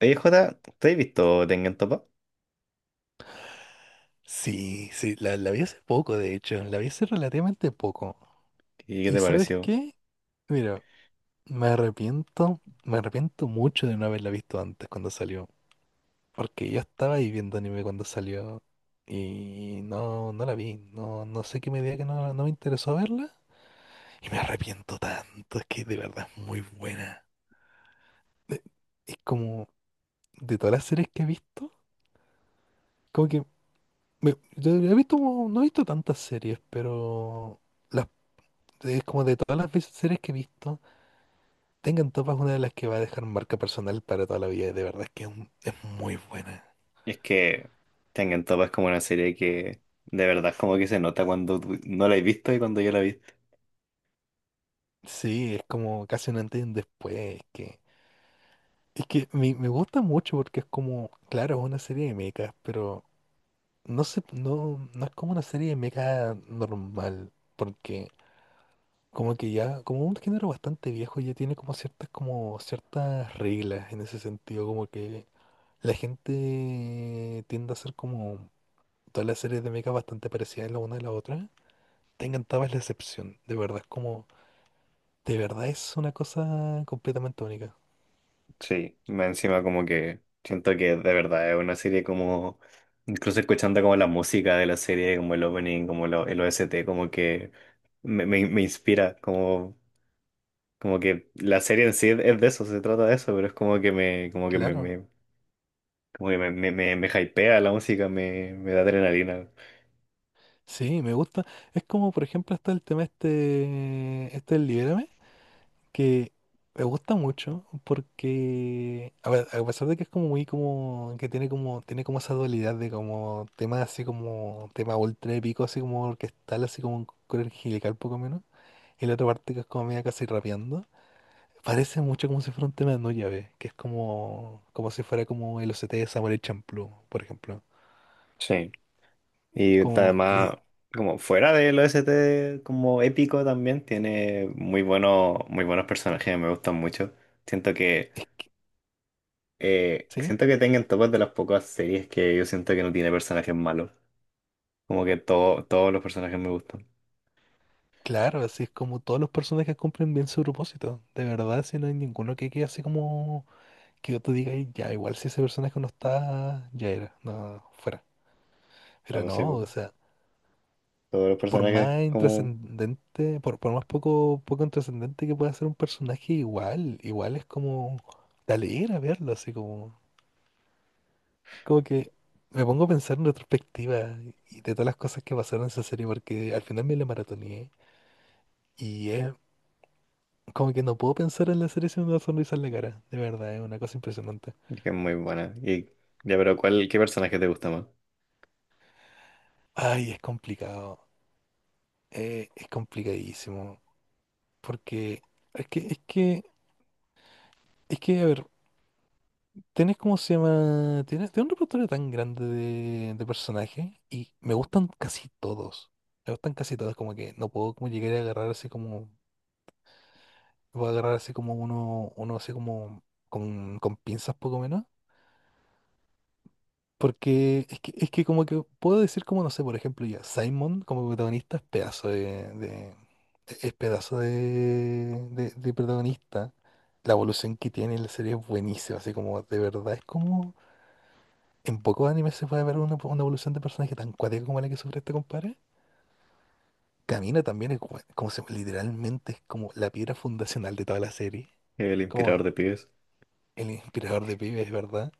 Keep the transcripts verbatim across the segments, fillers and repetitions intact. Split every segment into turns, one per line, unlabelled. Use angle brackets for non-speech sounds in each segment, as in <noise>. Oye, Jota, ¿te has visto Tengen Toppa?
Sí, sí, la, la vi hace poco, de hecho, la vi hace relativamente poco.
¿Y qué
¿Y
te
sabes
pareció?
qué? Mira, me arrepiento, me arrepiento mucho de no haberla visto antes cuando salió, porque yo estaba ahí viendo anime cuando salió y no, no la vi, no, no sé qué me diga que no, no me interesó verla y me arrepiento tanto, es que de verdad es muy buena. Eh, Es como de todas las series que he visto, como que me- yo he visto, como- no he visto tantas series, pero... las Es como de todas las veces- series que he visto, Tengan Topa es una de las que va a dejar marca personal para toda la vida. Y de verdad es que es, un- es muy buena.
Es que Tengen Toppa es como una serie que de verdad como que se nota cuando tú no la has visto y cuando yo la he visto.
Sí, es como casi un antes y un después. Es que, es que me, me gusta mucho porque es como, claro, es una serie de mechas, pero no sé, no, no es como una serie de mechas normal. Porque como que ya, como un género bastante viejo, ya tiene como ciertas, como ciertas reglas en ese sentido, como que la gente tiende a ser como todas las series de mecha bastante parecidas la una a la otra. Te encantaba es la excepción, de verdad, es como, de verdad es una cosa completamente única.
Sí, más encima como que siento que de verdad es una serie como, incluso escuchando como la música de la serie, como el opening, como lo- el O S T, como que me, me- me inspira, como, como que la serie en sí es, es de eso, se trata de eso, pero es como que me, como que me,
Claro,
me- como que me, me, me- me hypea la música, me, me da adrenalina.
sí, me gusta. Es como, por ejemplo, está el tema este, este del Libérame, que me gusta mucho porque, a ver, a pesar de que es como muy como, que tiene como, tiene como esa dualidad de como temas así como, tema ultra épico, así como orquestal, así como un coro angelical poco menos. Y la otra parte que es como media casi rapeando. Parece mucho como si fuera un tema de no llave, que es como, como si fuera como el O C T de Samuel Champloo, por ejemplo.
Sí.
Es
Y
como, le,
además, como fuera del O S T como épico también, tiene muy buenos, muy buenos personajes, me gustan mucho. Siento que
es que-
Eh,
¿sí?
siento que tengan topas de las pocas series que yo siento que no tiene personajes malos. Como que todo, todos los personajes me gustan.
Claro, así es como todos los personajes cumplen bien su propósito. De verdad, si no hay ninguno que quede así como que yo te diga digas, ya, igual si ese personaje no está, ya era, no, fuera.
Ah,
Pero
pues sí,
no,
pues,
o sea,
todos los
por
personajes
más
como
intrascendente, por, por más poco, poco intrascendente que pueda ser un personaje, igual, igual es como, te alegra verlo, así como. Como que me pongo a pensar en retrospectiva y de todas las cosas que pasaron en esa serie, porque al final me la maratoneé y es como que no puedo pensar en la serie sin una sonrisa en la cara. De verdad, es una cosa impresionante.
que es muy buena. Y ya, pero ¿cuál, ¿qué personaje te gusta más?
Ay, es complicado. Eh, es complicadísimo. Porque es que, es que, es que, a ver, tienes cómo se llama, tienes, tienes un repertorio tan grande de, de personajes y me gustan casi todos. Me gustan casi todos, como que no puedo como llegar a agarrar así como Voy a agarrar así como uno, uno así como con, con pinzas poco menos. Porque es que, es que como que puedo decir como, no sé, por ejemplo, ya, Simon como protagonista es pedazo de, de- es pedazo de, de, de protagonista. La evolución que tiene en la serie es buenísima, así como de verdad es como en pocos animes se puede ver una, una evolución de personaje tan cuática como la que sufre este compadre. Camina también es gua- como se, literalmente es como la piedra fundacional de toda la serie.
El inspirador
Como
de pibes.
el inspirador de pibes, ¿verdad?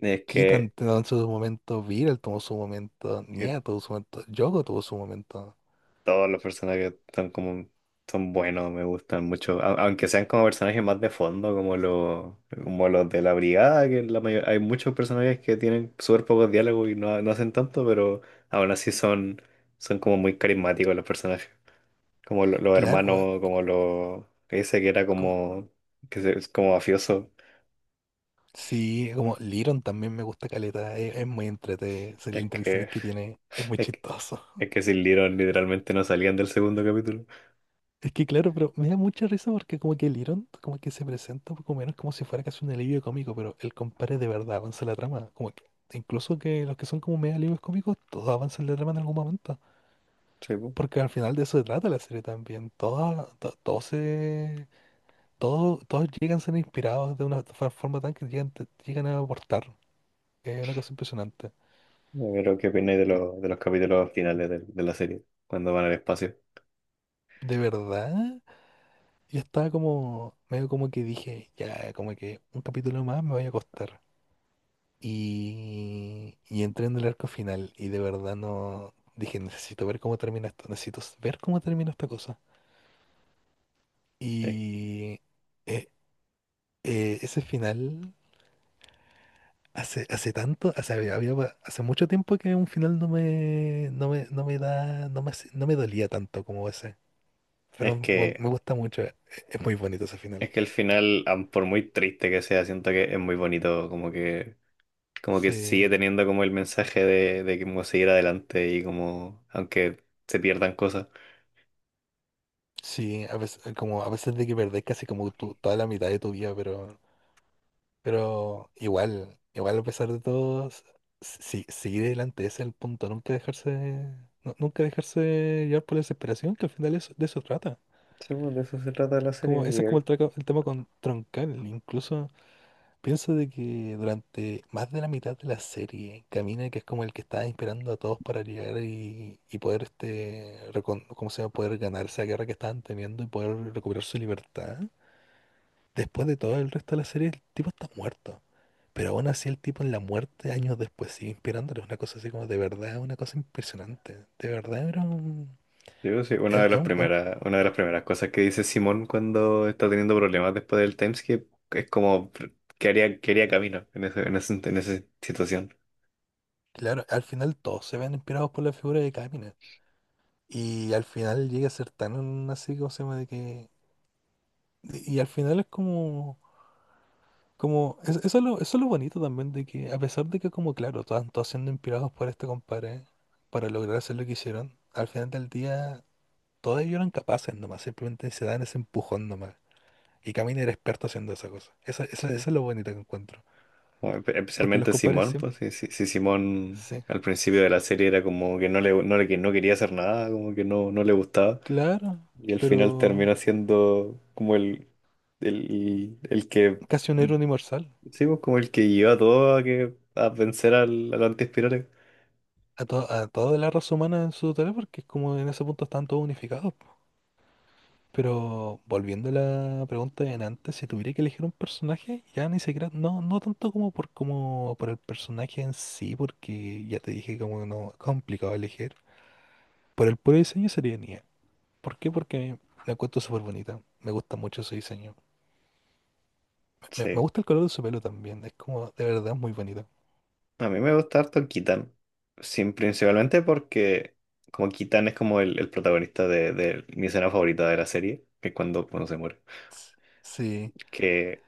Es
Kitan
que,
tuvo su momento, Viral tuvo su momento,
que
Nia tuvo su momento, Yoko tuvo su momento.
todos los personajes son como son buenos, me gustan mucho. A- aunque sean como personajes más de fondo, como los como los de la brigada, que la mayor- hay muchos personajes que tienen súper pocos diálogos y no, no hacen tanto, pero aún así son son como muy carismáticos los personajes, como lo- los
Claro, weón,
hermanos, como los que dice que era
como-
como que se- es como mafioso.
sí, como Liron también me gusta caleta, es, es muy entretenido, las
Es que
interacciones que tiene, es
<laughs>
muy
es que,
chistoso.
es
<laughs>
que sin Little literalmente no salían del segundo capítulo.
Es que claro, pero me da mucha risa porque como que Liron como que se presenta un poco menos como si fuera casi un alivio cómico, pero el compadre de verdad avanza la trama, como que incluso que los que son como medio alivios cómicos, todos avanzan la trama en algún momento.
Sí, po.
Porque al final de eso se trata la serie también. Todos, todos se Todos, todos llegan, siendo inspirados de una fa- forma tan que llegan, te- llegan a aportar. Es una cosa impresionante.
Pero, ¿qué opináis de, los de los capítulos finales de, de la serie? Cuando van al espacio.
De verdad, yo estaba como, medio como que dije, ya, como que un capítulo más me voy a costar. Y, y entré en el arco final y de verdad no, dije, necesito ver cómo termina esto, necesito s- ver cómo termina esta cosa.
Es,
Y eh, eh, Ese final... Hace, hace tanto, hace, había- había hace mucho tiempo que un final no me, no me, no me da, no me, hace- no me dolía tanto como ese. Pero
es
me,
que
me gusta mucho, e- es muy bonito ese final.
es que el final, am- por muy triste que sea, siento que es muy bonito, como que, como que sigue
Sí,
teniendo como el mensaje de, de cómo seguir adelante y como, aunque se pierdan cosas.
sí, a veces, como a veces de que perdés casi como tu- toda la mitad de tu vida, pero, pero igual, igual a pesar de todo, s- si, seguir adelante, ese es el punto, nunca dejarse, nu- nunca dejarse llevar por la desesperación, que al final eso- de eso trata.
Sí, pues, de eso se trata la serie.
Como,
Y
ese es como el,
el-
traca- el tema con Troncal, incluso. Pienso de que durante más de la mitad de la serie, Camina, que es como el que está inspirando a todos para llegar y, y poder este recon- ¿cómo se llama? Poder ganar esa guerra que estaban teniendo y poder recuperar su libertad. Después de todo el resto de la serie, el tipo está muerto. Pero aún así el tipo en la muerte años después sigue inspirándole. Una cosa así como de verdad, una cosa impresionante. De verdad era un...
yo sí, una
era-
de las
era un- era-
primeras, una de las primeras cosas que dice Simón cuando está teniendo problemas después del timeskip es como que haría, que haría camino en ese- en ese- en esa situación.
claro, al final todos se ven inspirados por la figura de Camina. Y al final llega a ser tan así, como se llama? De que Y al final es como, como es- eso es lo, eso es lo bonito también de que, a pesar de que como claro, estaban todos siendo inspirados por este compadre para lograr hacer lo que hicieron, al final del día todos ellos eran capaces nomás, simplemente se dan ese empujón nomás. Y Camino era experto haciendo esa cosa. Esa, esa, eso es lo bonito que encuentro.
O espe-
Porque los
Especialmente
compadres
Simón, pues
siempre,
sí, sí, sí, Simón
sí,
al principio de la serie era como que no le, no le que- no quería hacer nada, como que no, no le gustaba.
claro,
Y al final
pero
terminó siendo como el, el, el que,
casi un héroe universal.
sí, pues, como el que llevó a todo a, que, a vencer al, al antiespirales.
A, to- a toda la raza humana en su totalidad, porque es como en ese punto están todos unificados. Pero volviendo a la pregunta de antes, si tuviera que elegir un personaje, ya ni siquiera, no, no tanto como por como por el personaje en sí, porque ya te dije como no, es complicado elegir. Por el puro diseño sería Nia. ¿Por qué? Porque la encuentro súper bonita. Me gusta mucho su diseño. Me, me
Sí,
gusta el color de su pelo también. Es como, de verdad, muy bonito.
a mí me gusta harto Kitan. Sin principalmente porque como Kitan es como el, el protagonista de, de mi escena favorita de la serie, que es cuando, cuando se muere.
S- Sí,
Que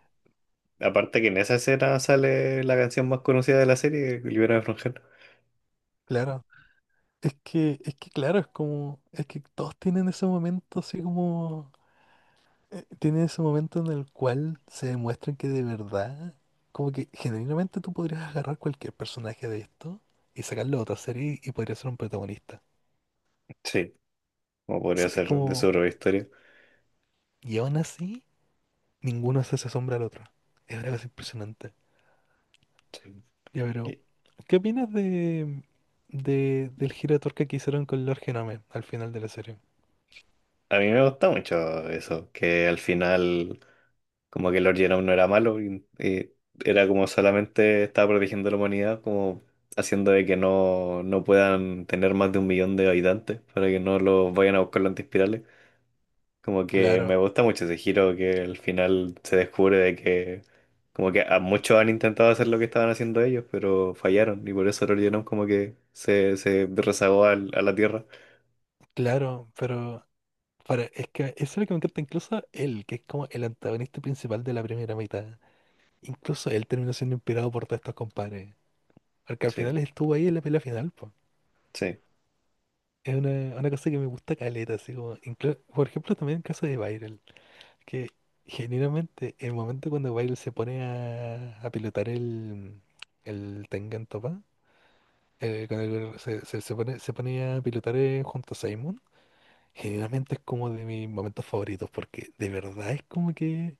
Aparte que en esa escena sale la canción más conocida de la serie, Libera de Frangel.
claro. Es que, es que claro, es como, es que todos tienen ese momento así como eh, tiene ese momento en el cual se demuestra que de verdad, como que genuinamente tú podrías agarrar cualquier personaje de esto y sacarlo a otra serie y podría ser un protagonista.
Sí, como
O
podría
sea, es
ser de su
como,
propia historia.
y aún así, ninguno se hace sombra al otro. Es una cosa impresionante.
Sí.
Ya, pero,
Y
¿qué opinas de, de del giro de tuerca que hicieron con Lord Genome al final de la serie?
A mí me gusta mucho eso, que al final como que Lord Genome no era malo y, y era como solamente estaba protegiendo a la humanidad, como haciendo de que no, no puedan tener más de un millón de habitantes para que no los vayan a buscar los antiespirales. Como que me
Claro,
gusta mucho ese giro que al final se descubre de que como que a muchos han intentado hacer lo que estaban haciendo ellos, pero fallaron y por eso el Orionon como que se, se rezagó al- a la Tierra.
claro, pero para, es que eso es lo que me encanta, incluso él, que es como el antagonista principal de la primera mitad. Incluso él terminó siendo inspirado por todos estos compadres. Porque al
Sí,
final estuvo ahí en la pelea final, po.
sí,
Es una, una cosa que me gusta caleta, así como, inclu- por ejemplo, también el caso de Viral, que generalmente el momento cuando Viral se pone a, a pilotar el, el Tengen Toppa, eh, cuando el- se, se- se pone, se pone a pilotar eh, junto a Simon, generalmente es como de mis momentos favoritos, porque de verdad es como que,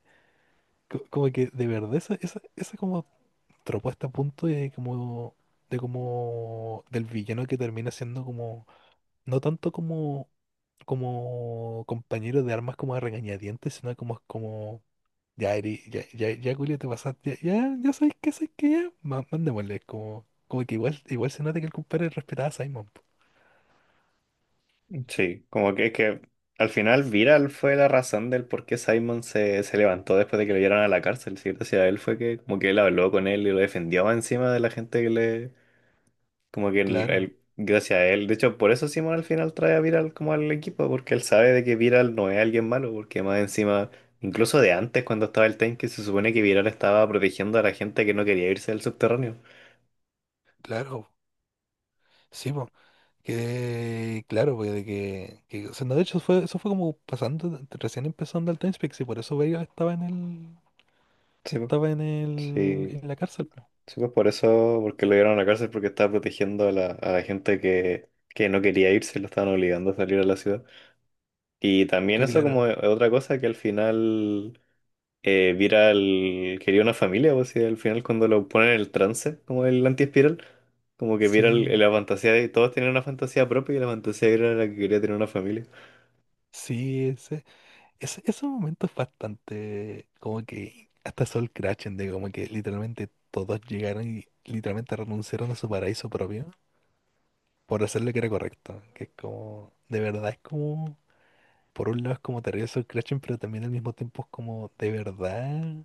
co- como que de verdad esa, esa, esa como tropó hasta el punto de como, de como, del villano que termina siendo como, no tanto como, como compañero de armas como a regañadientes, sino como, como, ya, Eri, ya, ya, ya, Julio, te pasaste, ya, ya, ya sabes que, sabes que ya, ma- mandémosle, como, como que igual, igual se nota que el compadre respetaba a Simon, po.
sí. Como que es que al final Viral fue la razón del por qué Simon se, se levantó después de que lo llevaron a la cárcel, ¿sí? Gracias a él fue que como que él habló con él y lo defendió encima de la gente que le, Como que el,
Claro,
el- gracias a él. De hecho, por eso Simon al final trae a Viral como al equipo, porque él sabe de que Viral no es alguien malo, porque más encima, incluso de antes cuando estaba el tanque, se supone que Viral estaba protegiendo a la gente que no quería irse del subterráneo.
claro, sí, po. Que claro, pues de que, que o sea, no, de hecho fue, eso fue como pasando, recién empezando al Time Speak, y por eso Vega estaba en el,
Sí, pues,
estaba en el,
sí,
en la cárcel, po.
sí, pues por eso, porque lo dieron a la cárcel, porque estaba protegiendo a la, a la gente que, que no quería irse, lo estaban obligando a salir a la ciudad. Y también
Que
eso como
claro,
otra cosa que al final... eh, Viral quería una familia, o sea al final cuando lo ponen en el trance, como el anti-espiral, como que viera el
sí,
la fantasía de todos tenían una fantasía propia y la fantasía de Viral era la que quería tener una familia.
sí, ese, ese, ese momento es bastante como que hasta Sol crachen de como que literalmente todos llegaron y literalmente renunciaron a su paraíso propio por hacer lo que era correcto. Que es como, de verdad es como, por un lado es como terrible Sol crachen pero también al mismo tiempo es como de verdad,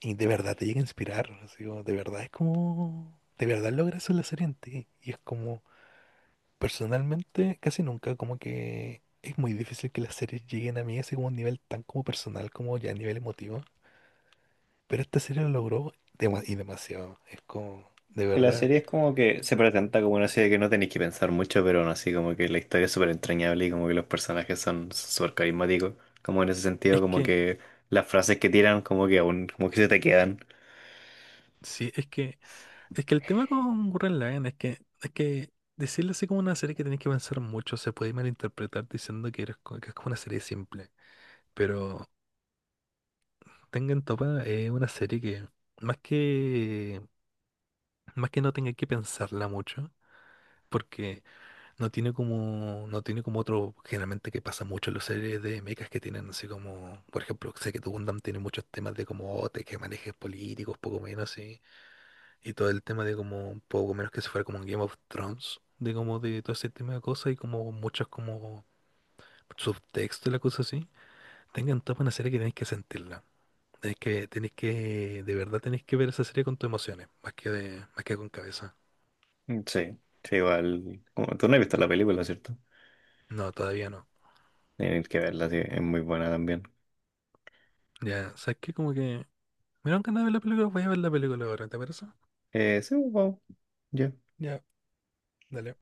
y de verdad te llega a inspirar, así como, de verdad es como, de verdad logra eso en la serie en ti. Y es como Personalmente, casi nunca, como que es muy difícil que las series lleguen a mí así como a un nivel tan como personal como ya a nivel emotivo. Pero esta serie lo logró dema- y demasiado. Es como, de
Y la
verdad.
serie es como que se presenta como una serie que no tenéis que pensar mucho, pero aún así como que la historia es súper entrañable y como que los personajes son súper carismáticos, como en ese sentido,
Es
como
que,
que las frases que tiran como que aún, como que se te quedan.
sí, es que, es que el tema con Gurren Lagann es que, es que decirle así como una serie que tenés que pensar mucho se puede malinterpretar diciendo que, eres co- que es como una serie simple. Pero Tengen Toppa es una serie que, más que, más que no tenga que pensarla mucho, porque No tiene como, no tiene como otro, generalmente que pasa mucho en las series de mechas que tienen así como, por ejemplo, sé que tu Gundam tiene muchos temas de como oh, te que manejes políticos, poco menos así, y todo el tema de como, poco menos que se fuera como un Game of Thrones, de como de todo ese tema de cosas y como muchos como subtextos y la cosa así, tengan toda una serie que tenéis que sentirla. Tenéis que, tenéis que, de verdad tenéis que ver esa serie con tus emociones, más que de, más que con cabeza.
Mm, sí, sí, igual, como, tú no has visto la película, ¿cierto?
No, todavía no.
Tienes que verla, sí, es muy buena también.
Ya, ¿sabes qué? Como que Me dan ganas de ver la película, voy a ver la película ahora, ¿te parece?
Eh, sí, wow. Ya.
Ya, dale.